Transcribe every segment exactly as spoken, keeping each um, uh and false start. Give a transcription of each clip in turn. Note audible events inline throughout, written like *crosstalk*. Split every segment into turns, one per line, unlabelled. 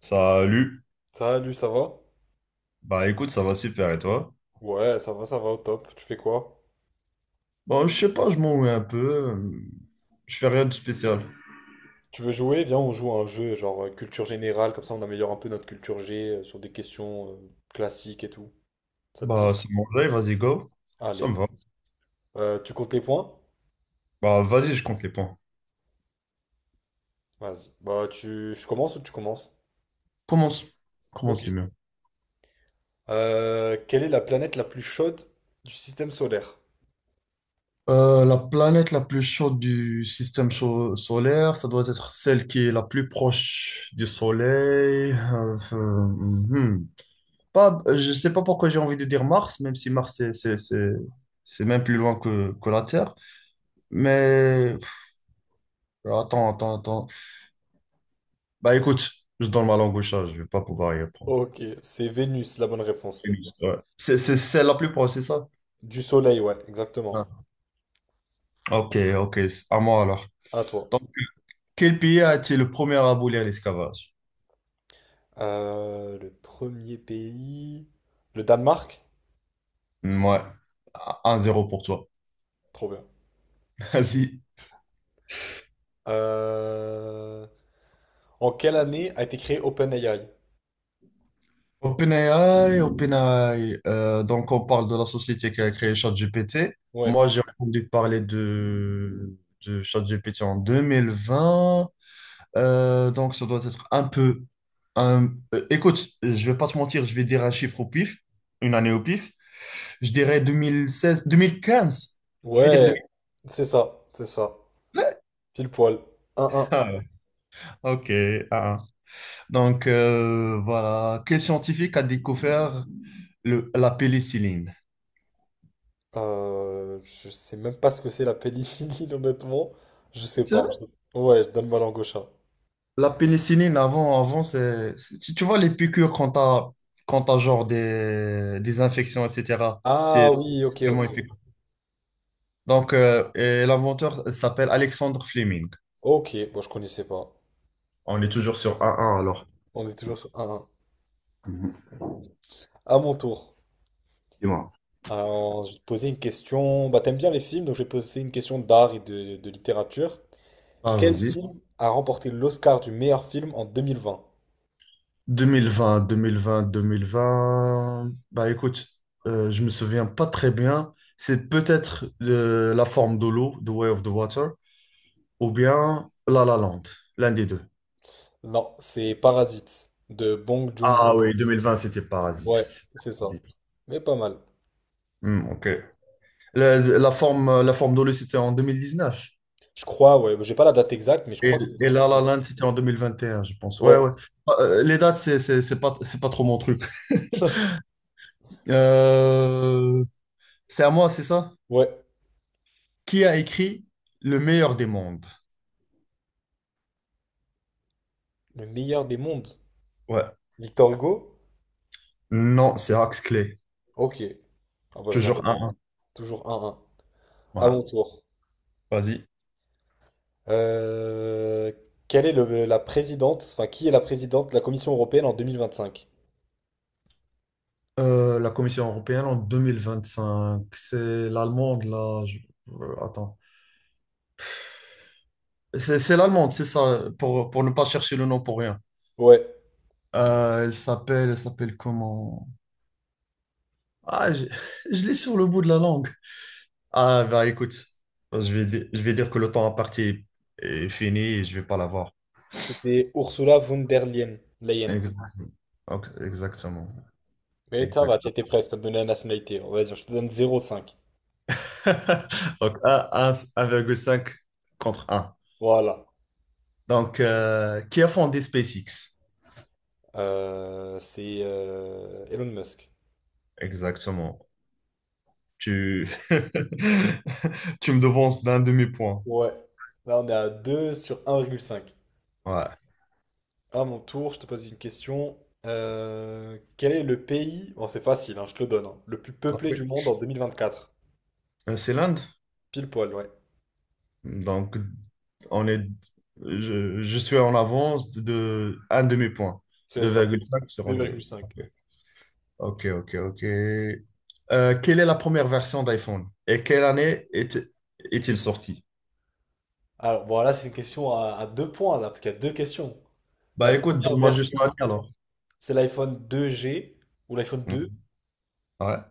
Salut.
Salut, ça va?
Bah écoute, ça va super et toi?
Ouais, ça va, ça va, au top. Tu fais quoi?
Bon, je sais pas, je m'ennuie un peu. euh, Je fais rien de spécial.
Tu veux jouer? Viens, on joue à un jeu genre euh, culture générale, comme ça on améliore un peu notre culture G euh, sur des questions euh, classiques et tout. Ça te
Bah
dit?
c'est mon live, vas-y go. Ça me
Allez.
va.
Euh, tu comptes les points?
Bah vas-y, je compte les points.
Vas-y. Bah, tu... Je commence ou tu commences?
Commence.
Ok.
Commence, c'est mieux.
Euh, quelle est la planète la plus chaude du système solaire?
Euh, la planète la plus chaude du système cho- solaire, ça doit être celle qui est la plus proche du Soleil. Euh, euh, hmm. Pas, euh, je sais pas pourquoi j'ai envie de dire Mars, même si Mars c'est c'est- c'est- c'est même plus loin que, que la Terre. Mais pff, attends, attends, attends. Bah écoute, je donne ma langue au chat, je vais pas pouvoir y répondre.
Ok, c'est Vénus, la bonne réponse.
Ouais. C'est c'est celle la plus proche, c'est ça?
Du Soleil, ouais, exactement.
Ah. Ok, ok, c'est à moi alors.
À toi.
Donc, quel pays a été le premier à abolir l'esclavage?
Euh, le premier pays... Le Danemark?
Ouais, un zéro pour toi.
Trop bien.
*laughs* Vas-y.
Euh, En quelle année a été créé OpenAI?
OpenAI, OpenAI. euh, donc, on parle de la société qui a créé ChatGPT.
Ouais.
Moi, j'ai entendu parler de, de ChatGPT en deux mille vingt. Euh, donc, ça doit être un peu. un- euh, écoute, je vais pas te mentir, je vais dire un chiffre au pif, une année au pif. Je dirais deux mille seize, deux mille quinze. Je vais dire
Ouais,
deux mille quinze.
c'est ça, c'est ça. Pile poil. Un
Ah, ouais. Ok. Ah. Ah. Donc, euh, voilà. Quel scientifique a découvert le- la pénicilline?
un. Euh, je sais même pas ce que c'est la pénicilline, *laughs* honnêtement. Je sais
C'est vrai?
pas. Je- Ouais, je donne ma langue au chat.
La pénicilline, avant, avant c'est, c'est- tu tu vois les piqûres quand t'as, quand t'as genre des, des infections, et cetera.
Ah
C'est
oui, ok,
vraiment
ok.
Donc, euh, et l'inventeur s'appelle Alexandre Fleming.
Ok, bon, je connaissais pas.
On est toujours sur un un alors.
On est toujours sur un partout. À mon tour.
Dis-moi.
Alors, je vais te poser une question. Bah, t'aimes bien les films, donc je vais te poser une question d'art et de, de littérature.
Ah,
Quel
vas-y.
film a remporté l'Oscar du meilleur film en deux mille vingt?
deux mille vingt, deux mille vingt, deux mille vingt. Bah écoute, euh, je me souviens pas très bien. C'est peut-être euh, la forme de l'eau, The Way of the Water, ou bien La La Land, l'un des deux.
Non, c'est Parasite de Bong
Ah
Joon-ho.
oui, deux mille vingt, c'était Parasite.
Ouais,
C'était
c'est ça.
Parasite.
Mais pas mal.
Hmm, ok. La, la forme, la forme de l'eau, c'était en deux mille dix-neuf.
Je crois, ouais, j'ai pas la date exacte, mais je
Et,
crois que c'est
et La La
deux mille dix-neuf.
Land, c'était en deux mille vingt et un, je pense. Ouais,
Ouais.
ouais. Ah. Euh, les dates, c'est c'est- c'est pas, c'est pas trop mon truc.
*laughs*
Euh, c'est à moi, c'est ça?
Ouais,
Qui a écrit Le meilleur des mondes?
le meilleur des mondes.
Ouais.
Victor Hugo?
Non, c'est Axe Clay.
Ok. Ah bah je l'avais
Toujours
pas.
un. 1
Toujours un un. À mon
Voilà.
tour.
Vas-y.
Euh, Quelle est le- la présidente, enfin qui est la présidente de la Commission européenne en deux mille vingt-cinq?
Euh, la Commission européenne en deux mille vingt-cinq. C'est l'allemande, là. je- euh, attends. C'est c'est l'allemande, c'est ça, pour, pour ne pas chercher le nom pour rien.
Ouais,
Euh, elle s'appelle, elle s'appelle comment? Ah, je, je l'ai sur le bout de la langue. Ah, bah écoute, je vais, di- je vais dire que le temps à partir est fini et je vais pas l'avoir.
c'était Ursula von der Leyen. Leyen.
Exactement. Ok, exactement.
Mais ça va, tu
Exactement.
étais presque, t'as donné la nationalité. On va dire, je te donne zéro virgule cinq.
*laughs* Donc, un- un- 1,5 contre un.
Voilà.
Donc, euh, qui a fondé SpaceX?
Euh, c'est euh, Elon Musk.
Exactement. Tu, *laughs* tu me devances d'un demi-point.
Ouais. Là, on est à deux sur un virgule cinq.
Ouais.
À mon tour, je te pose une question. Euh, quel est le pays, bon, c'est facile, hein, je te le donne, hein, le plus peuplé
Ok.
du monde en deux mille vingt quatre?
Euh, C'est l'Inde.
Pile poil, ouais.
Donc, on est, je, je suis en avance de un demi-point.
C'est
deux
ça,
virgule cinq sur
deux
deux.
virgule cinq
Ok, ok, ok. Euh, quelle est la première version d'iPhone et quelle année est, est-il sorti?
Alors, bon, là, c'est une question à, à deux points, là, parce qu'il y a deux questions. La
Bah écoute,
première
donne-moi juste
version,
l'année alors.
c'est l'iPhone deux g ou l'iPhone deux
Hmm. Ouais,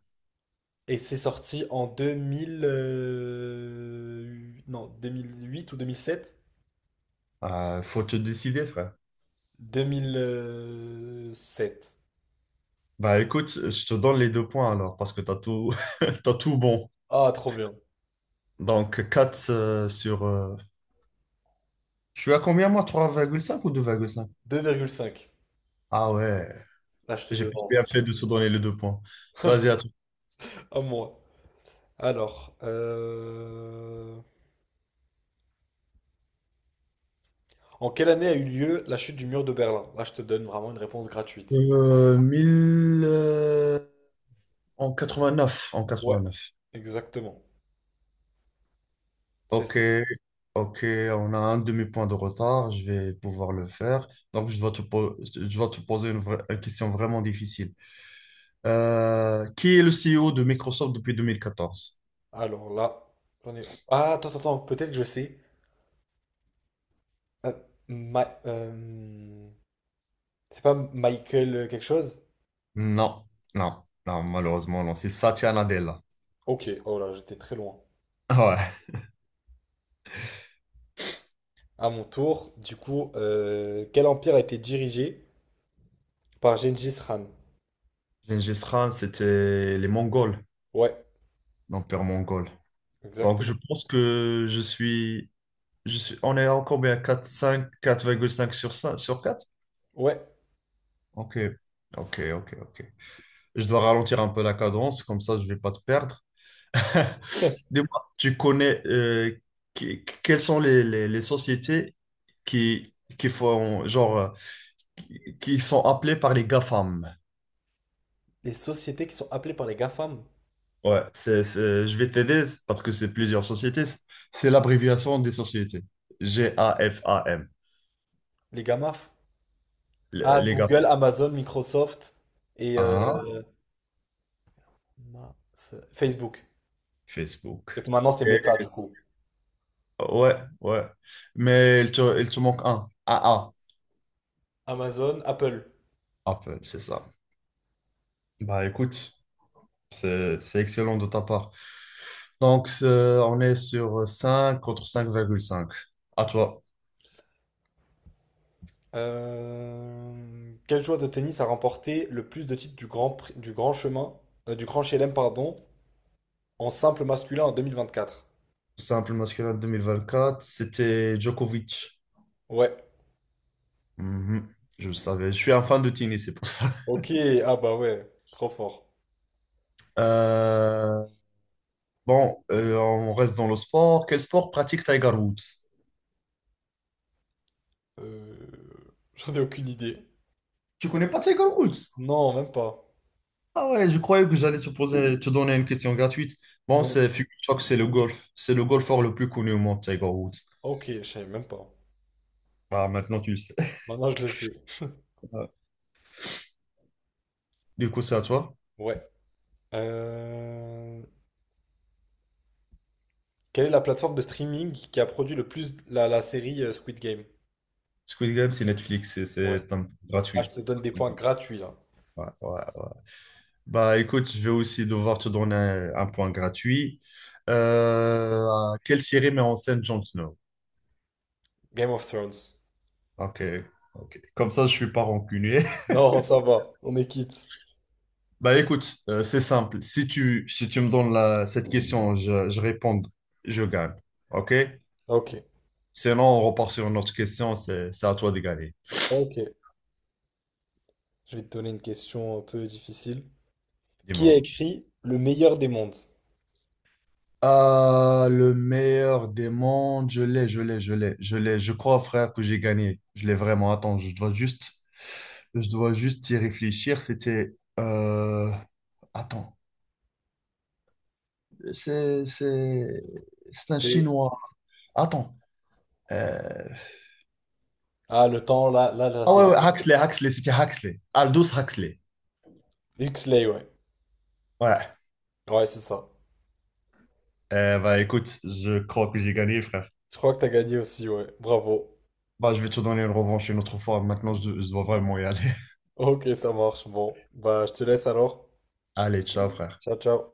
et c'est sorti en deux mille, euh, non, deux mille huit ou deux mille sept.
Euh, faut te décider, frère.
deux mille sept.
Bah écoute, je te donne les deux points alors parce que t'as tout, *laughs* t'as tout bon.
Ah, trop bien.
Donc quatre euh, sur. euh, Je suis à combien moi? Trois virgule cinq ou deux virgule cinq?
deux virgule cinq.
Ah ouais,
Là, je te
j'ai bien
devance.
fait de te donner les deux points. Vas-y, à toi.
À moi. Alors, euh, en quelle année a eu lieu la chute du mur de Berlin? Là, je te donne vraiment une réponse gratuite.
Euh, mille, euh, en quatre-vingt-neuf, en
Ouais,
neuf
exactement. C'est
Ok.
ça.
Ok, on a un demi-point de retard, je vais pouvoir le faire. Donc, je dois te, po- je dois te poser une, vraie- une question vraiment difficile. Euh, qui est le C E O de Microsoft depuis deux mille quatorze?
Alors là, j'en ai... Ah, attends, attends, attends, peut-être que je sais. Euh, Ma- euh, C'est pas Michael euh, quelque chose?
Non, non, non, malheureusement, non. C'est Satya Nadella. *laughs*
Ok, oh là, j'étais très loin.
Ah. Ouais.
À mon tour, du coup, euh, quel empire a été dirigé par Gengis Khan?
Gengis Khan, c'était les Mongols,
Ouais.
l'empire mongol. Donc, je
Exactement.
pense que je suis, je suis, on est encore bien à quatre, cinq, quatre virgule cinq sur cinq, sur quatre?
Ouais.
Ok, ok, ok, ok. Je dois ralentir un peu la cadence, comme ça, je vais pas te perdre. *laughs* Dis-moi, tu connais euh, que- quelles sont les, les, les sociétés qui, qui font genre euh, qui, qui sont appelées par les GAFAM.
Les sociétés qui sont appelées par les GAFAM,
Ouais, c'est, c'est- je vais t'aider parce que c'est plusieurs sociétés. C'est l'abréviation des sociétés. G-A-F-A-M.
les GAMAF.
Les
Ah,
les GAFAM.
Google, Amazon, Microsoft et euh,
Ah,
Ma- F- Facebook. Et
Facebook.
maintenant, c'est Meta,
Et-
du coup.
ouais, ouais. Mais il te, il te manque un. A A.
Amazon, Apple.
Apple, c'est ça. Bah écoute. C'est c'est excellent de ta part. Donc, c'est- on est sur cinq contre cinq virgule cinq. À toi.
Euh, Quel joueur de tennis a remporté le plus de titres du Grand, Prix- du Grand Chemin, euh, du Grand Chelem, pardon, en simple masculin en deux mille vingt-quatre?
Simple masculin deux mille vingt quatre c'était Djokovic.
Ouais.
Mhm, je le savais. Je suis un fan de tennis, c'est pour ça. *laughs*
Ok, ah bah ouais, trop fort.
Euh, bon, euh, on reste dans le sport. Quel sport pratique Tiger Woods?
Euh, *laughs* J'en ai aucune idée.
Tu connais pas Tiger Woods?
Non, même pas.
Ah ouais, je croyais que j'allais te poser, te donner une question gratuite. Bon,
Non.
c'est, figure-toi que c'est le golf. C'est le golfeur le plus connu au monde, Tiger Woods.
Ok, je savais même pas.
Ah, maintenant tu le sais.
Maintenant, je le sais.
*laughs* Du coup, c'est à toi.
Ouais. Euh, Quelle est la plateforme de streaming qui a produit le plus la, la série euh, Squid Game?
Squid Game, c'est Netflix, c'est
Ouais.
c'est un-
Là, je
gratuit.
te donne des points gratuits, là.
Ouais, ouais, ouais. Bah écoute, je vais aussi devoir te donner un, un point gratuit. Euh, quelle série met en scène Jon Snow?
Game of Thrones.
Ok, ok. Comme ça, je suis pas rancunier. *laughs*
Non, ça va. On est quitte.
Bah écoute, euh, c'est simple. Si tu, si tu me donnes la, cette question, je, je réponds, je gagne. Ok?
Ok.
Sinon, on repart sur une autre question, c'est c'est à toi de gagner.
Ok. Je vais te donner une question un peu difficile. Qui a
Dis-moi.
écrit Le meilleur des mondes?
Ah, le meilleur des mondes, je l'ai, je l'ai, je l'ai, je l'ai. Je crois, frère, que j'ai gagné. Je l'ai vraiment. Attends, je dois juste, je dois juste y réfléchir. C'était, euh, attends, c'est, c'est, c'est un
C'est...
Chinois. Attends. euh,
Ah, le temps, là, là, là,
Ah ouais,
c'est...
ouais, Huxley, Huxley, c'était Huxley. Aldous Huxley.
Huxley, ouais.
Ouais.
Ouais, c'est ça.
Euh, bah écoute, je crois que j'ai gagné, frère.
Je crois que t'as gagné aussi, ouais. Bravo.
Bah, je vais te donner une revanche une autre fois. Maintenant, je, je dois vraiment y aller.
Ok, ça marche. Bon. Bah, je te laisse alors.
*laughs* Allez, ciao, frère.
Ciao, ciao.